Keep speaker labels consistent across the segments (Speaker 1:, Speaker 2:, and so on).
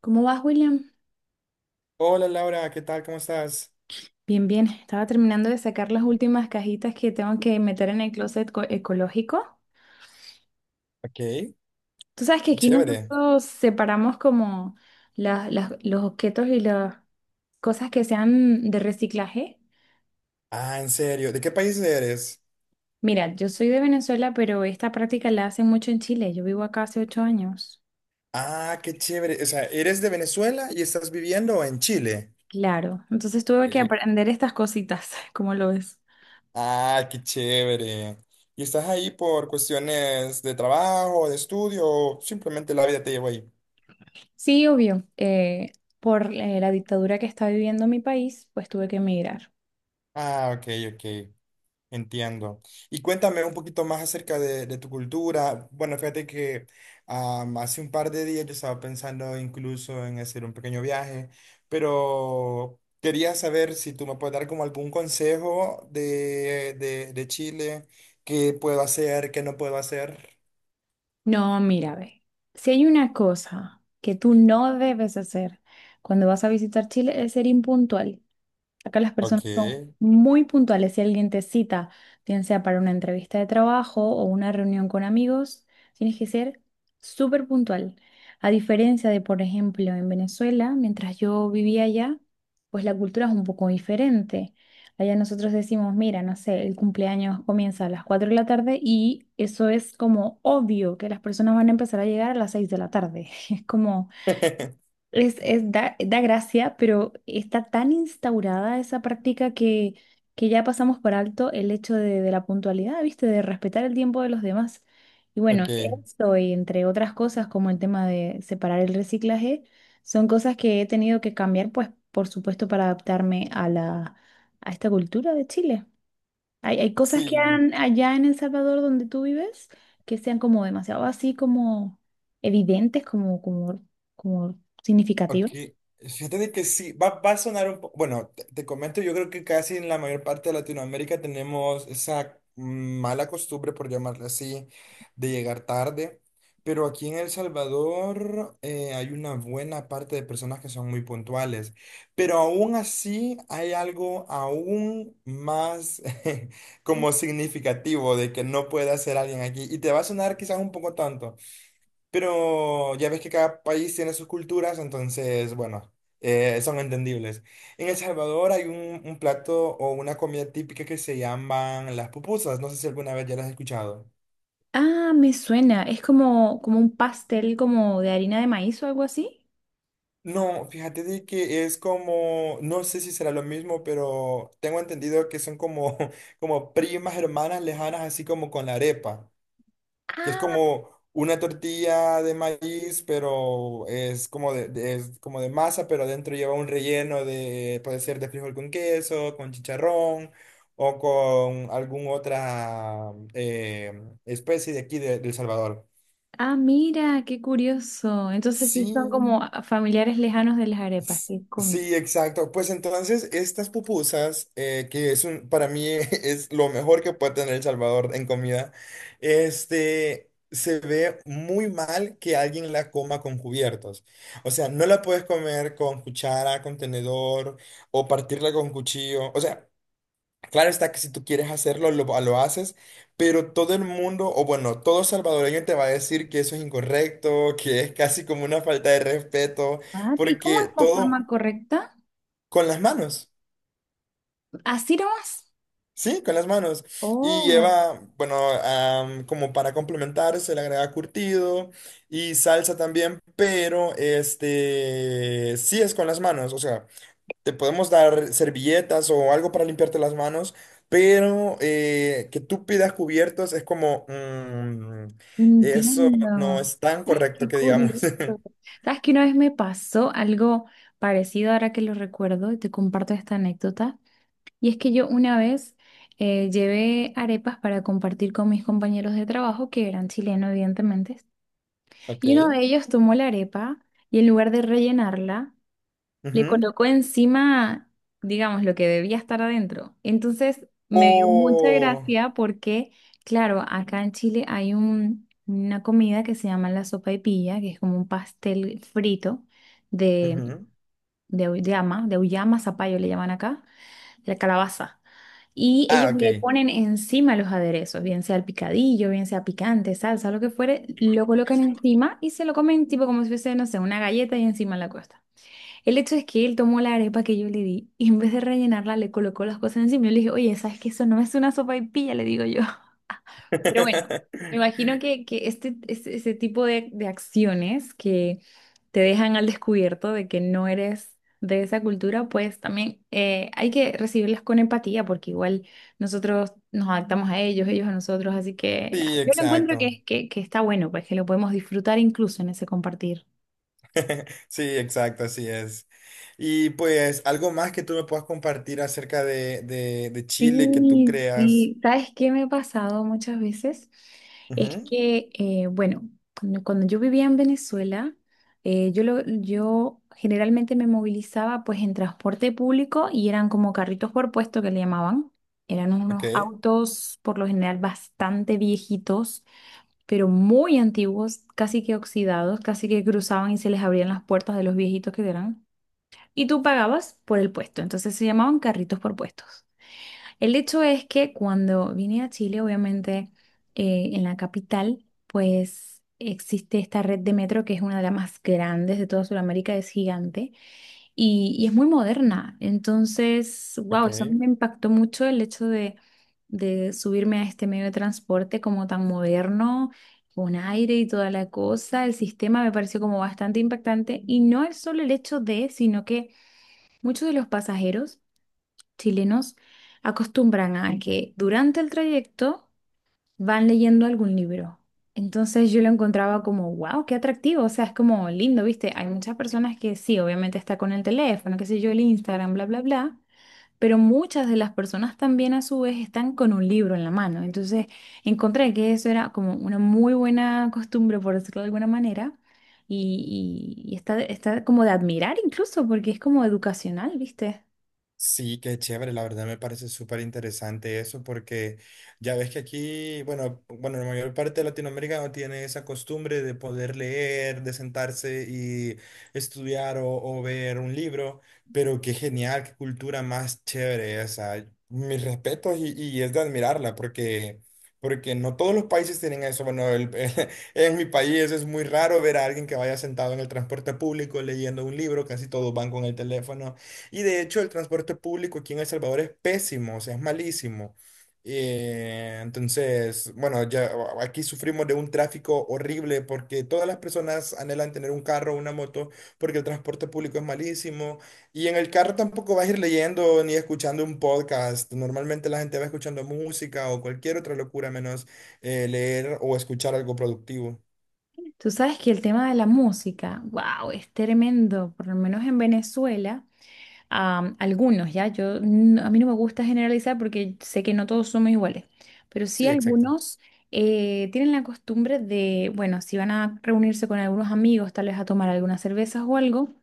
Speaker 1: ¿Cómo vas, William?
Speaker 2: Hola Laura, ¿qué tal? ¿Cómo estás?
Speaker 1: Bien, bien. Estaba terminando de sacar las últimas cajitas que tengo que meter en el ecológico.
Speaker 2: Ok, qué
Speaker 1: Tú sabes que aquí
Speaker 2: chévere.
Speaker 1: nosotros separamos como los objetos y las cosas que sean de reciclaje.
Speaker 2: Ah, en serio, ¿de qué país eres?
Speaker 1: Mira, yo soy de Venezuela, pero esta práctica la hacen mucho en Chile. Yo vivo acá hace 8 años.
Speaker 2: Ah, qué chévere. O sea, ¿eres de Venezuela y estás viviendo en Chile?
Speaker 1: Claro. Entonces tuve que
Speaker 2: Eh,
Speaker 1: aprender estas cositas, ¿cómo lo ves?
Speaker 2: Ah, qué chévere. ¿Y estás ahí por cuestiones de trabajo, de estudio o simplemente la vida te llevó ahí?
Speaker 1: Sí, obvio. Por la dictadura que está viviendo mi país, pues tuve que emigrar.
Speaker 2: Ah, ok, ok. Entiendo. Y cuéntame un poquito más acerca de tu cultura. Bueno, fíjate que hace un par de días yo estaba pensando incluso en hacer un pequeño viaje, pero quería saber si tú me puedes dar como algún consejo de Chile, qué puedo hacer, qué no puedo hacer.
Speaker 1: No, mira, ve. Si hay una cosa que tú no debes hacer cuando vas a visitar Chile es ser impuntual. Acá las
Speaker 2: Ok.
Speaker 1: personas son muy puntuales. Si alguien te cita, bien sea para una entrevista de trabajo o una reunión con amigos, tienes que ser súper puntual. A diferencia de, por ejemplo, en Venezuela, mientras yo vivía allá, pues la cultura es un poco diferente. Allá nosotros decimos, mira, no sé, el cumpleaños comienza a las 4 de la tarde y eso es como obvio que las personas van a empezar a llegar a las 6 de la tarde. Es como... Es da gracia, pero está tan instaurada esa práctica que ya pasamos por alto el hecho de la puntualidad, ¿viste? De respetar el tiempo de los demás. Y bueno,
Speaker 2: Ok.
Speaker 1: eso y entre otras cosas como el tema de separar el reciclaje, son cosas que he tenido que cambiar, pues por supuesto, para adaptarme a a esta cultura de Chile. Hay cosas que
Speaker 2: Sí.
Speaker 1: han allá en El Salvador donde tú vives que sean como demasiado así como evidentes, como
Speaker 2: Ok,
Speaker 1: significativas.
Speaker 2: fíjate de que sí, va a sonar un poco, bueno, te comento, yo creo que casi en la mayor parte de Latinoamérica tenemos esa mala costumbre, por llamarla así, de llegar tarde, pero aquí en El Salvador hay una buena parte de personas que son muy puntuales, pero aún así hay algo aún más como significativo de que no puede hacer alguien aquí, y te va a sonar quizás un poco tonto. Pero ya ves que cada país tiene sus culturas, entonces, bueno, son entendibles. En El Salvador hay un plato o una comida típica que se llaman las pupusas. No sé si alguna vez ya las has escuchado.
Speaker 1: Ah, me suena. Es como, como un pastel como de harina de maíz o algo así.
Speaker 2: No, fíjate de que es como, no sé si será lo mismo, pero tengo entendido que son como, como primas hermanas lejanas, así como con la arepa. Que es
Speaker 1: Ah,
Speaker 2: como una tortilla de maíz, pero es como es como de masa, pero adentro lleva un relleno de, puede ser de frijol con queso, con chicharrón o con alguna otra especie de aquí de El Salvador.
Speaker 1: ah, mira, qué curioso. Entonces sí son
Speaker 2: Sí,
Speaker 1: como familiares lejanos de las arepas,
Speaker 2: S-
Speaker 1: qué cómico.
Speaker 2: sí, exacto. Pues entonces estas pupusas, que es un, para mí es lo mejor que puede tener El Salvador en comida, este, se ve muy mal que alguien la coma con cubiertos. O sea, no la puedes comer con cuchara, con tenedor o partirla con cuchillo. O sea, claro está que si tú quieres hacerlo, lo haces, pero todo el mundo, o bueno, todo salvadoreño te va a decir que eso es incorrecto, que es casi como una falta de respeto,
Speaker 1: Ah, ¿y cómo es
Speaker 2: porque
Speaker 1: la forma
Speaker 2: todo...
Speaker 1: correcta?
Speaker 2: Con las manos,
Speaker 1: Así nomás.
Speaker 2: sí, con las manos. Y
Speaker 1: Oh.
Speaker 2: lleva, bueno, como para complementar, se le agrega curtido y salsa también, pero este, sí es con las manos. O sea, te podemos dar servilletas o algo para limpiarte las manos, pero que tú pidas cubiertos es como, mm, eso
Speaker 1: Entiendo.
Speaker 2: no es tan
Speaker 1: Ah,
Speaker 2: correcto
Speaker 1: qué
Speaker 2: que digamos.
Speaker 1: curioso. ¿Sabes que una vez me pasó algo parecido ahora que lo recuerdo y te comparto esta anécdota? Y es que yo una vez llevé arepas para compartir con mis compañeros de trabajo que eran chilenos, evidentemente.
Speaker 2: Ok.
Speaker 1: Y uno de ellos tomó la arepa y en lugar de rellenarla, le
Speaker 2: Ujú.
Speaker 1: colocó encima, digamos, lo que debía estar adentro. Entonces me dio mucha
Speaker 2: O...
Speaker 1: gracia porque, claro, acá en Chile hay una comida que se llama la sopaipilla, que es como un pastel frito de,
Speaker 2: ujú.
Speaker 1: de auyama, zapallo le llaman acá, la calabaza. Y
Speaker 2: Ah,
Speaker 1: ellos le
Speaker 2: ok.
Speaker 1: ponen encima los aderezos, bien sea el picadillo, bien sea picante, salsa, lo que fuere, lo colocan encima y se lo comen tipo como si fuese, no sé, una galleta y encima la costa. El hecho es que él tomó la arepa que yo le di y en vez de rellenarla le colocó las cosas encima. Yo le dije, oye, ¿sabes que eso no es una sopa y Le digo yo. Pero bueno, me imagino que este, ese tipo de acciones que te dejan al descubierto de que no eres de esa cultura, pues también hay que recibirlas con empatía, porque igual nosotros nos adaptamos a ellos, ellos a nosotros, así que
Speaker 2: Sí,
Speaker 1: yo lo encuentro
Speaker 2: exacto.
Speaker 1: que, que está bueno, pues que lo podemos disfrutar incluso en ese compartir.
Speaker 2: Sí, exacto, así es. Y pues algo más que tú me puedas compartir acerca de Chile que tú
Speaker 1: Sí,
Speaker 2: creas.
Speaker 1: sí. ¿Sabes qué me ha pasado muchas veces? Es
Speaker 2: Ujú,
Speaker 1: que, bueno, cuando yo vivía en Venezuela, yo, yo generalmente me movilizaba pues en transporte público y eran como carritos por puesto que le llamaban. Eran
Speaker 2: ok,
Speaker 1: unos autos por lo general bastante viejitos, pero muy antiguos, casi que oxidados, casi que cruzaban y se les abrían las puertas de los viejitos que eran. Y tú pagabas por el puesto, entonces se llamaban carritos por puestos. El hecho es que cuando vine a Chile, obviamente en la capital, pues existe esta red de metro que es una de las más grandes de toda Sudamérica, es gigante y es muy moderna. Entonces, wow, eso
Speaker 2: ok.
Speaker 1: me impactó mucho el hecho de subirme a este medio de transporte como tan moderno, con aire y toda la cosa. El sistema me pareció como bastante impactante y no es solo el hecho de, sino que muchos de los pasajeros chilenos acostumbran a que durante el trayecto van leyendo algún libro. Entonces yo lo encontraba como, wow, qué atractivo, o sea, es como lindo, ¿viste? Hay muchas personas que sí, obviamente está con el teléfono, qué sé yo, el Instagram, bla, bla, bla, pero muchas de las personas también a su vez están con un libro en la mano. Entonces encontré que eso era como una muy buena costumbre, por decirlo de alguna manera. Y, y está, está como de admirar incluso, porque es como educacional, ¿viste?
Speaker 2: Sí, qué chévere, la verdad me parece súper interesante eso porque ya ves que aquí, bueno, la mayor parte de Latinoamérica no tiene esa costumbre de poder leer, de sentarse y estudiar o ver un libro, pero qué genial, qué cultura más chévere esa. Mis respetos y es de admirarla porque, porque no todos los países tienen eso. Bueno, en mi país es muy raro ver a alguien que vaya sentado en el transporte público leyendo un libro, casi todos van con el teléfono. Y de hecho el transporte público aquí en El Salvador es pésimo, o sea, es malísimo. Entonces, bueno, ya aquí sufrimos de un tráfico horrible porque todas las personas anhelan tener un carro o una moto porque el transporte público es malísimo. Y en el carro tampoco vas a ir leyendo ni escuchando un podcast. Normalmente la gente va escuchando música o cualquier otra locura menos leer o escuchar algo productivo.
Speaker 1: Tú sabes que el tema de la música, wow, es tremendo, por lo menos en Venezuela, algunos, ¿ya? Yo, a mí no me gusta generalizar porque sé que no todos somos iguales, pero sí
Speaker 2: Sí, exacto.
Speaker 1: algunos tienen la costumbre de, bueno, si van a reunirse con algunos amigos, tal vez a tomar algunas cervezas o algo,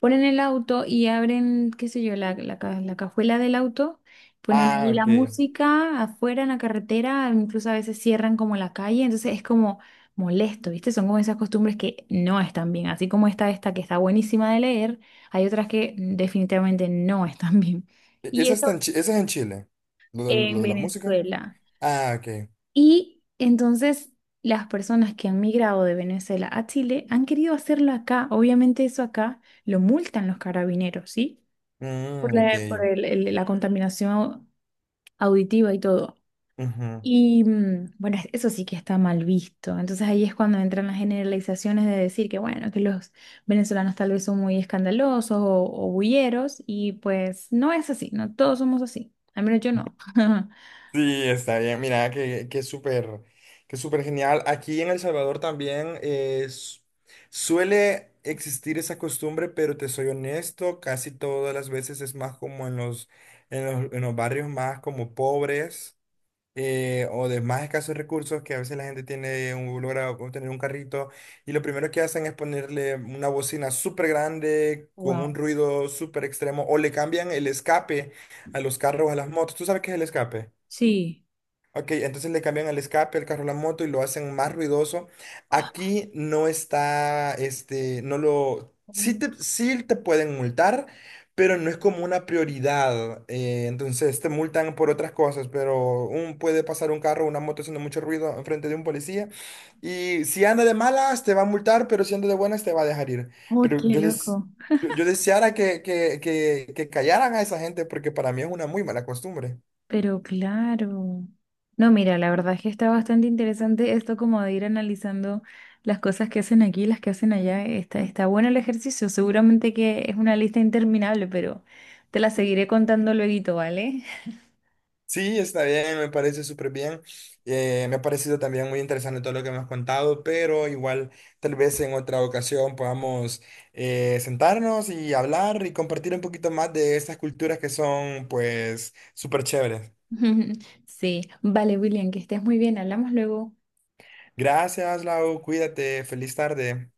Speaker 1: ponen el auto y abren, qué sé yo, la cajuela del auto, ponen ahí
Speaker 2: Ah,
Speaker 1: la
Speaker 2: ok.
Speaker 1: música afuera en la carretera, incluso a veces cierran como la calle, entonces es como molesto, ¿viste? Son como esas costumbres que no están bien, así como está esta que está buenísima de leer, hay otras que definitivamente no están bien. Y
Speaker 2: Esa
Speaker 1: esto
Speaker 2: está en esa es en Chile. Lo lo
Speaker 1: en
Speaker 2: de la música.
Speaker 1: Venezuela.
Speaker 2: Ah, ok.
Speaker 1: Y entonces... las personas que han migrado de Venezuela a Chile han querido hacerlo acá. Obviamente eso acá lo multan los carabineros, ¿sí? Por
Speaker 2: Mm,
Speaker 1: la,
Speaker 2: ok.
Speaker 1: por la contaminación auditiva y todo.
Speaker 2: Ujú.
Speaker 1: Y mm, bueno, eso sí que está mal visto. Entonces ahí es cuando entran las generalizaciones de decir que bueno, que los venezolanos tal vez son muy escandalosos o bulleros y pues no es así, no todos somos así. Al menos yo no.
Speaker 2: Sí, está bien. Mira, que súper genial. Aquí en El Salvador también es, suele existir esa costumbre, pero te soy honesto, casi todas las veces es más como en en los barrios más como pobres. O de más escasos recursos, que a veces la gente tiene un, logra obtener un carrito y lo primero que hacen es ponerle una bocina súper grande con un
Speaker 1: Wow.
Speaker 2: ruido súper extremo o le cambian el escape a los carros, a las motos. ¿Tú sabes qué es el escape?
Speaker 1: Sí.
Speaker 2: Ok, entonces le cambian el escape al carro, la moto y lo hacen más ruidoso. Aquí no está, este, no lo, sí te pueden multar, pero no es como una prioridad. Entonces te multan por otras cosas, pero un, puede pasar un carro, una moto haciendo mucho ruido enfrente de un policía y si anda de malas te va a multar, pero si anda de buenas te va a dejar ir.
Speaker 1: Uy,
Speaker 2: Pero
Speaker 1: qué
Speaker 2: yo,
Speaker 1: loco.
Speaker 2: yo, yo deseara que callaran a esa gente porque para mí es una muy mala costumbre.
Speaker 1: Pero claro. No, mira, la verdad es que está bastante interesante esto como de ir analizando las cosas que hacen aquí, las que hacen allá. Está, está bueno el ejercicio. Seguramente que es una lista interminable, pero te la seguiré contando luego, ¿vale?
Speaker 2: Sí, está bien, me parece súper bien. Me ha parecido también muy interesante todo lo que me has contado, pero igual tal vez en otra ocasión podamos sentarnos y hablar y compartir un poquito más de estas culturas que son pues súper chéveres.
Speaker 1: Sí, vale, William, que estés muy bien, hablamos luego.
Speaker 2: Gracias, Lau, cuídate, feliz tarde.